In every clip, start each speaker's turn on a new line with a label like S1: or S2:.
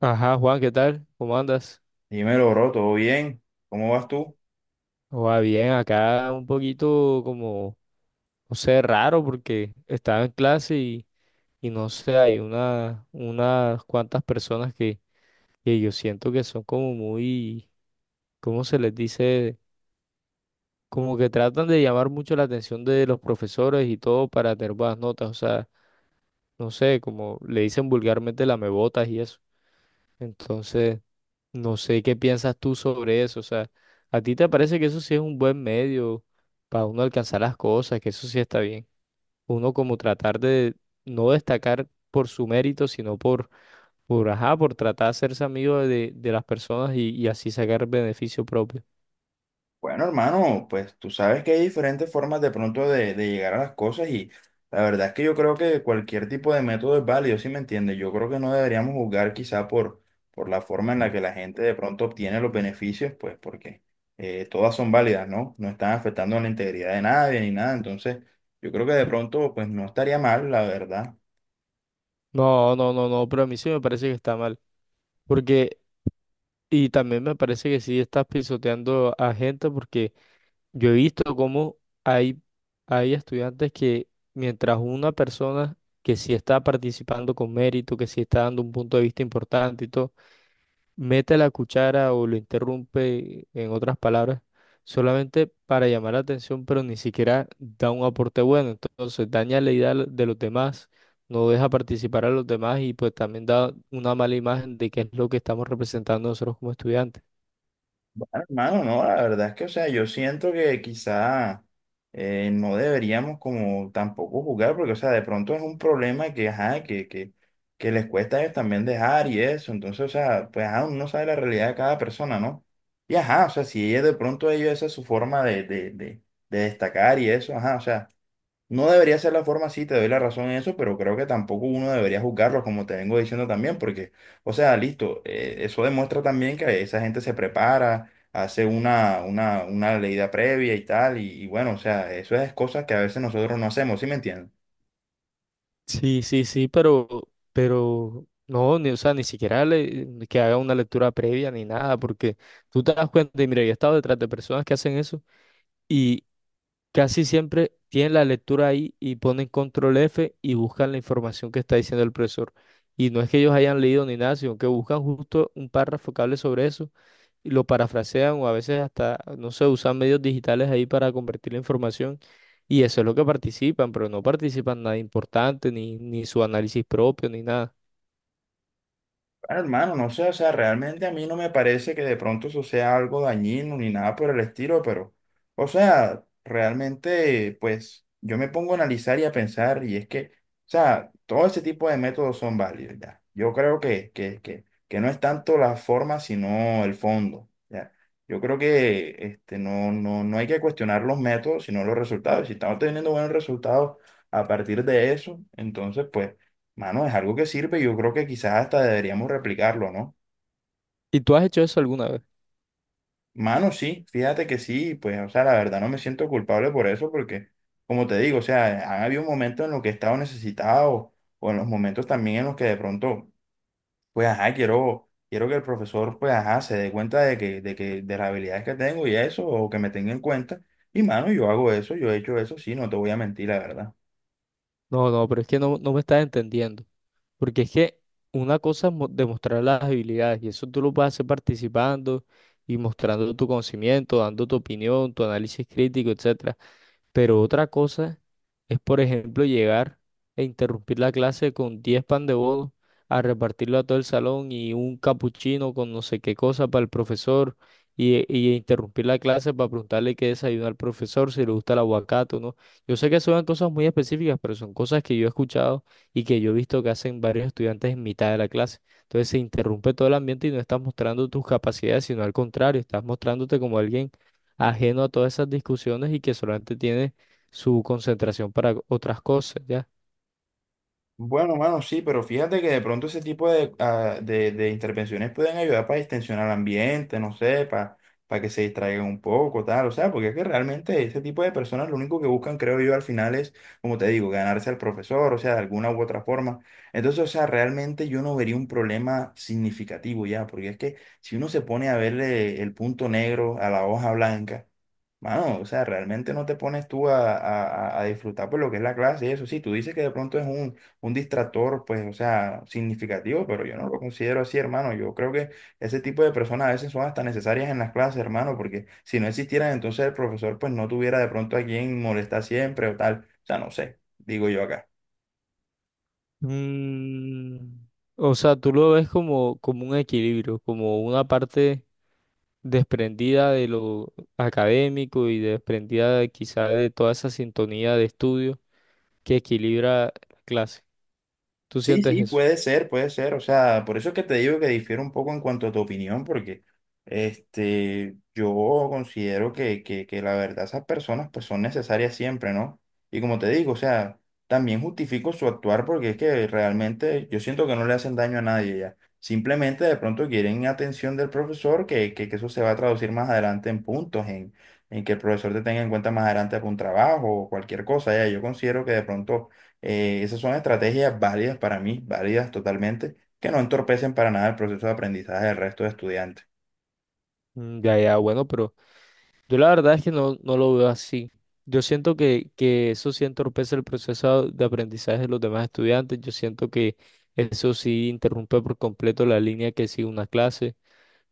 S1: Ajá, Juan, ¿qué tal? ¿Cómo andas?
S2: Dímelo, bro, ¿todo bien? ¿Cómo vas tú?
S1: Va bien, acá un poquito como, no sé, raro porque estaba en clase y no sé, hay unas cuantas personas que yo siento que son como muy, ¿cómo se les dice? Como que tratan de llamar mucho la atención de los profesores y todo para tener buenas notas, o sea, no sé, como le dicen vulgarmente lamebotas y eso. Entonces, no sé qué piensas tú sobre eso. O sea, ¿a ti te parece que eso sí es un buen medio para uno alcanzar las cosas, que eso sí está bien? Uno como tratar de no destacar por su mérito, sino ajá, por tratar de hacerse amigo de las personas y así sacar beneficio propio.
S2: Bueno, hermano, pues tú sabes que hay diferentes formas de pronto de llegar a las cosas y la verdad es que yo creo que cualquier tipo de método es válido, ¿si me entiendes? Yo creo que no deberíamos juzgar por la forma en la que la gente de pronto obtiene los beneficios, pues porque todas son válidas, ¿no? No están afectando a la integridad de nadie ni nada, entonces yo creo que de pronto pues no estaría mal, la verdad.
S1: No, no, no, no, pero a mí sí me parece que está mal. Porque, y también me parece que sí estás pisoteando a gente porque yo he visto cómo hay, hay estudiantes que, mientras una persona que sí está participando con mérito, que sí está dando un punto de vista importante y todo, mete la cuchara o lo interrumpe, en otras palabras, solamente para llamar la atención, pero ni siquiera da un aporte bueno. Entonces daña la idea de los demás, no deja participar a los demás y pues también da una mala imagen de qué es lo que estamos representando nosotros como estudiantes.
S2: Bueno, hermano, no, la verdad es que, o sea, yo siento que quizá no deberíamos como tampoco jugar, porque, o sea, de pronto es un problema que que les cuesta a ellos también dejar y eso, entonces, o sea, pues, ajá, uno no sabe la realidad de cada persona, ¿no? Y, ajá, o sea, si ella de pronto ellos, esa es su forma de destacar y eso, ajá, o sea. No debería ser la forma, sí, te doy la razón en eso, pero creo que tampoco uno debería juzgarlos, como te vengo diciendo también, porque, o sea, listo, eso demuestra también que esa gente se prepara, hace una leída previa y tal, y bueno, o sea, eso es cosas que a veces nosotros no hacemos, ¿sí me entiendes?
S1: Sí, sí, sí, pero no, ni, o sea, ni siquiera que haga una lectura previa ni nada, porque tú te das cuenta, y mira, yo he estado detrás de personas que hacen eso y casi siempre tienen la lectura ahí y ponen control F y buscan la información que está diciendo el profesor. Y no es que ellos hayan leído ni nada, sino que buscan justo un párrafo que hable sobre eso y lo parafrasean o a veces hasta, no sé, usan medios digitales ahí para convertir la información y eso es lo que participan, pero no participan nada importante, ni su análisis propio, ni nada.
S2: Ah, hermano, no sé, o sea, realmente a mí no me parece que de pronto eso sea algo dañino ni nada por el estilo, pero, o sea, realmente, pues, yo me pongo a analizar y a pensar, y es que, o sea, todo ese tipo de métodos son válidos, ya. Yo creo que no es tanto la forma, sino el fondo, ya. Yo creo que este, no hay que cuestionar los métodos, sino los resultados. Si estamos teniendo buenos resultados a partir de eso, entonces, pues. Mano, es algo que sirve y yo creo que quizás hasta deberíamos replicarlo, ¿no?
S1: ¿Y tú has hecho eso alguna vez?
S2: Mano, sí, fíjate que sí, pues, o sea, la verdad no me siento culpable por eso porque, como te digo, o sea, han habido momentos en los que he estado necesitado o en los momentos también en los que de pronto, pues, ajá, quiero que el profesor, pues, ajá, se dé cuenta de las habilidades que tengo y eso, o que me tenga en cuenta. Y, mano, yo hago eso, yo he hecho eso, sí, no te voy a mentir, la verdad.
S1: No, no, pero es que no, no me estás entendiendo. Porque es que una cosa es demostrar las habilidades, y eso tú lo puedes hacer participando y mostrando tu conocimiento, dando tu opinión, tu análisis crítico, etc. Pero otra cosa es, por ejemplo, llegar e interrumpir la clase con 10 pan de bono a repartirlo a todo el salón y un capuchino con no sé qué cosa para el profesor y interrumpir la clase para preguntarle qué desayuno al profesor, si le gusta el aguacate o no. Yo sé que son cosas muy específicas, pero son cosas que yo he escuchado y que yo he visto que hacen varios estudiantes en mitad de la clase. Entonces se interrumpe todo el ambiente y no estás mostrando tus capacidades, sino al contrario, estás mostrándote como alguien ajeno a todas esas discusiones y que solamente tiene su concentración para otras cosas, ¿ya?
S2: Bueno, mano, sí, pero fíjate que de pronto ese tipo de, ah, de intervenciones pueden ayudar para distensionar el ambiente, no sé, para que se distraigan un poco, tal, o sea, porque es que realmente ese tipo de personas lo único que buscan, creo yo, al final es, como te digo, ganarse al profesor, o sea, de alguna u otra forma. Entonces, o sea, realmente yo no vería un problema significativo ya, porque es que si uno se pone a verle el punto negro a la hoja blanca, mano, o sea, realmente no te pones tú a, a disfrutar por lo que es la clase y eso. Sí, tú dices que de pronto es un distractor, pues, o sea, significativo, pero yo no lo considero así, hermano. Yo creo que ese tipo de personas a veces son hasta necesarias en las clases, hermano, porque si no existieran, entonces el profesor, pues, no tuviera de pronto a quien molestar siempre o tal. O sea, no sé, digo yo acá.
S1: Mm, o sea, tú lo ves como, como un equilibrio, como una parte desprendida de lo académico y desprendida quizá de toda esa sintonía de estudio que equilibra la clase. ¿Tú
S2: Sí,
S1: sientes
S2: sí,
S1: eso?
S2: puede ser, puede ser. O sea, por eso es que te digo que difiero un poco en cuanto a tu opinión, porque este, yo considero que la verdad esas personas pues son necesarias siempre, ¿no? Y como te digo, o sea, también justifico su actuar porque es que realmente yo siento que no le hacen daño a nadie ya. Simplemente de pronto quieren atención del profesor, que eso se va a traducir más adelante en puntos, en que el profesor te tenga en cuenta más adelante para un trabajo o cualquier cosa. Ya, yo considero que de pronto esas son estrategias válidas para mí, válidas totalmente, que no entorpecen para nada el proceso de aprendizaje del resto de estudiantes.
S1: Mm, ya, ya, bueno, pero... Yo la verdad es que no, no lo veo así. Yo siento que eso sí entorpece el proceso de aprendizaje de los demás estudiantes. Yo siento que eso sí interrumpe por completo la línea que sigue una clase.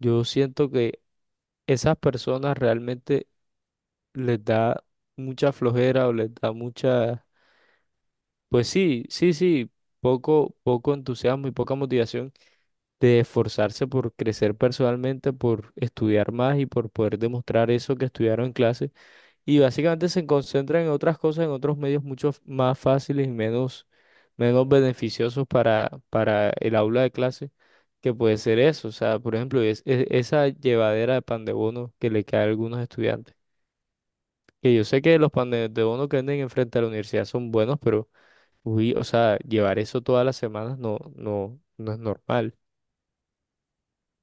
S1: Yo siento que esas personas realmente les da mucha flojera o les da mucha, pues sí, sí, sí, poco entusiasmo y poca motivación de esforzarse por crecer personalmente, por estudiar más y por poder demostrar eso que estudiaron en clase. Y básicamente se concentran en otras cosas, en otros medios mucho más fáciles y menos beneficiosos para el aula de clase, que puede ser eso. O sea, por ejemplo, es, esa llevadera de pan de bono que le cae a algunos estudiantes. Que yo sé que los pan de bono que venden enfrente a la universidad son buenos, pero, uy, o sea, llevar eso todas las semanas no, no, no es normal.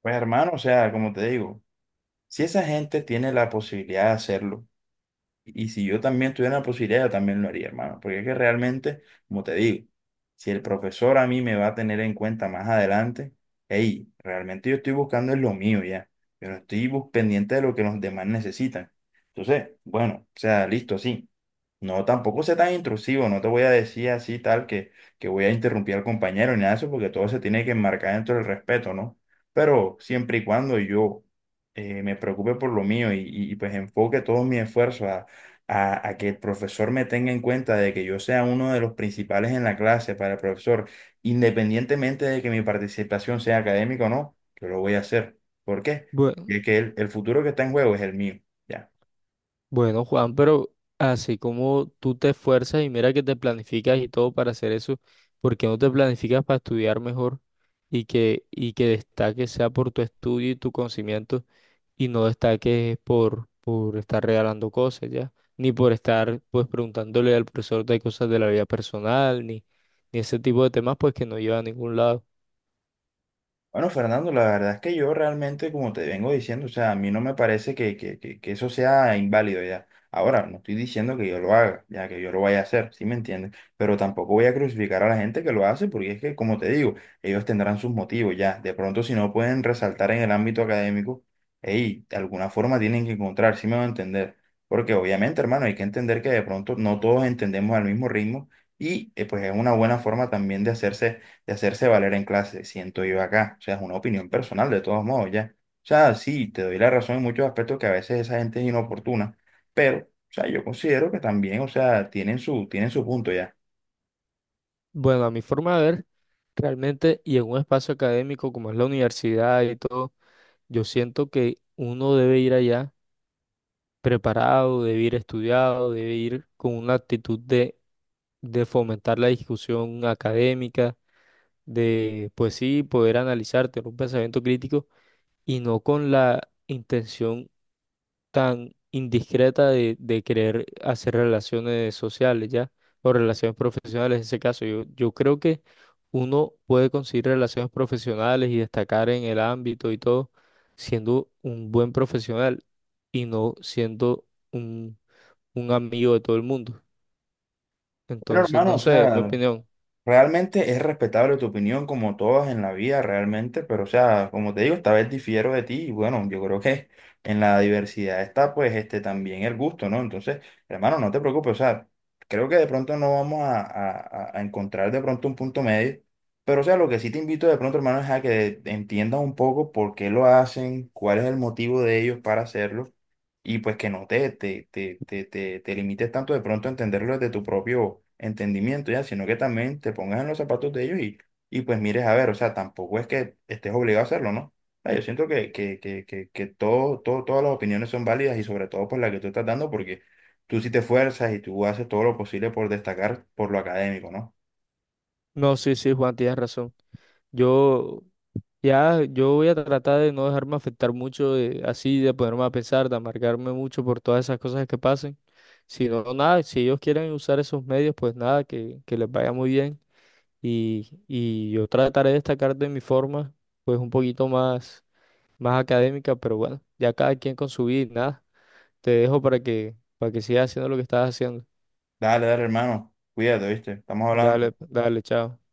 S2: Pues hermano, o sea, como te digo, si esa gente tiene la posibilidad de hacerlo, y si yo también tuviera la posibilidad, yo también lo haría, hermano. Porque es que realmente, como te digo, si el profesor a mí me va a tener en cuenta más adelante, hey, realmente yo estoy buscando es lo mío ya. Yo no estoy bus- pendiente de lo que los demás necesitan. Entonces, bueno, o sea, listo, sí. No, tampoco sea tan intrusivo, no te voy a decir así tal que voy a interrumpir al compañero ni nada de eso, porque todo se tiene que enmarcar dentro del respeto, ¿no? Pero siempre y cuando yo me preocupe por lo mío y, pues enfoque todos mis esfuerzos a que el profesor me tenga en cuenta de que yo sea uno de los principales en la clase para el profesor, independientemente de que mi participación sea académica o no, yo lo voy a hacer. ¿Por qué?
S1: Bueno.
S2: Porque el futuro que está en juego es el mío. Ya.
S1: Bueno, Juan, pero así como tú te esfuerzas y mira que te planificas y todo para hacer eso, ¿por qué no te planificas para estudiar mejor y que destaques sea por tu estudio y tu conocimiento y no destaques por estar regalando cosas ya? Ni por estar pues preguntándole al profesor de cosas de la vida personal, ni ese tipo de temas pues que no lleva a ningún lado.
S2: Bueno, Fernando, la verdad es que yo realmente, como te vengo diciendo, o sea, a mí no me parece que eso sea inválido ya. Ahora, no estoy diciendo que yo lo haga, ya que yo lo vaya a hacer, ¿sí me entiendes? Pero tampoco voy a crucificar a la gente que lo hace, porque es que, como te digo, ellos tendrán sus motivos ya. De pronto, si no pueden resaltar en el ámbito académico, hey, de alguna forma tienen que encontrar, ¿sí me va a entender? Porque obviamente, hermano, hay que entender que de pronto no todos entendemos al mismo ritmo y pues es una buena forma también de hacerse valer en clase, siento yo acá. O sea, es una opinión personal de todos modos, ya. O sea, sí, te doy la razón en muchos aspectos que a veces esa gente es inoportuna, pero, o sea, yo considero que también, o sea, tienen su punto ya.
S1: Bueno, a mi forma de ver, realmente y en un espacio académico como es la universidad y todo. Yo siento que uno debe ir allá preparado, debe ir estudiado, debe ir con una actitud de fomentar la discusión académica, de, pues sí, poder analizar, tener un pensamiento crítico y no con la intención tan indiscreta de querer hacer relaciones sociales, ¿ya? O relaciones profesionales en ese caso. Yo creo que uno puede conseguir relaciones profesionales y destacar en el ámbito y todo siendo un buen profesional y no siendo un, un amigo de todo el mundo.
S2: Bueno,
S1: Entonces,
S2: hermano,
S1: no
S2: o
S1: sé, es mi
S2: sea,
S1: opinión.
S2: realmente es respetable tu opinión, como todas en la vida, realmente, pero o sea, como te digo, esta vez difiero de ti y bueno, yo creo que en la diversidad está pues este también el gusto, ¿no? Entonces, hermano, no te preocupes, o sea, creo que de pronto no vamos a, a encontrar de pronto un punto medio, pero o sea, lo que sí te invito de pronto, hermano, es a que entiendas un poco por qué lo hacen, cuál es el motivo de ellos para hacerlo y pues que no te limites tanto de pronto a entenderlo desde tu propio entendimiento, ya, sino que también te pongas en los zapatos de ellos y pues mires a ver, o sea, tampoco es que estés obligado a hacerlo, ¿no? Ah, yo siento que todo, todo, todas las opiniones son válidas y sobre todo por la que tú estás dando, porque tú sí te esfuerzas y tú haces todo lo posible por destacar por lo académico, ¿no?
S1: No, sí, sí, Juan, tienes razón. Yo ya, yo voy a tratar de no dejarme afectar mucho, así, de ponerme a pensar, de amargarme mucho por todas esas cosas que pasen. Si no, nada, si ellos quieren usar esos medios, pues nada, que les vaya muy bien. Y yo trataré de destacar de mi forma, pues un poquito más académica, pero bueno, ya cada quien con su vida y nada. Te dejo para que sigas haciendo lo que estás haciendo.
S2: Dale, dale, hermano, cuídate, ¿viste? Estamos hablando.
S1: Dale, dale, chao.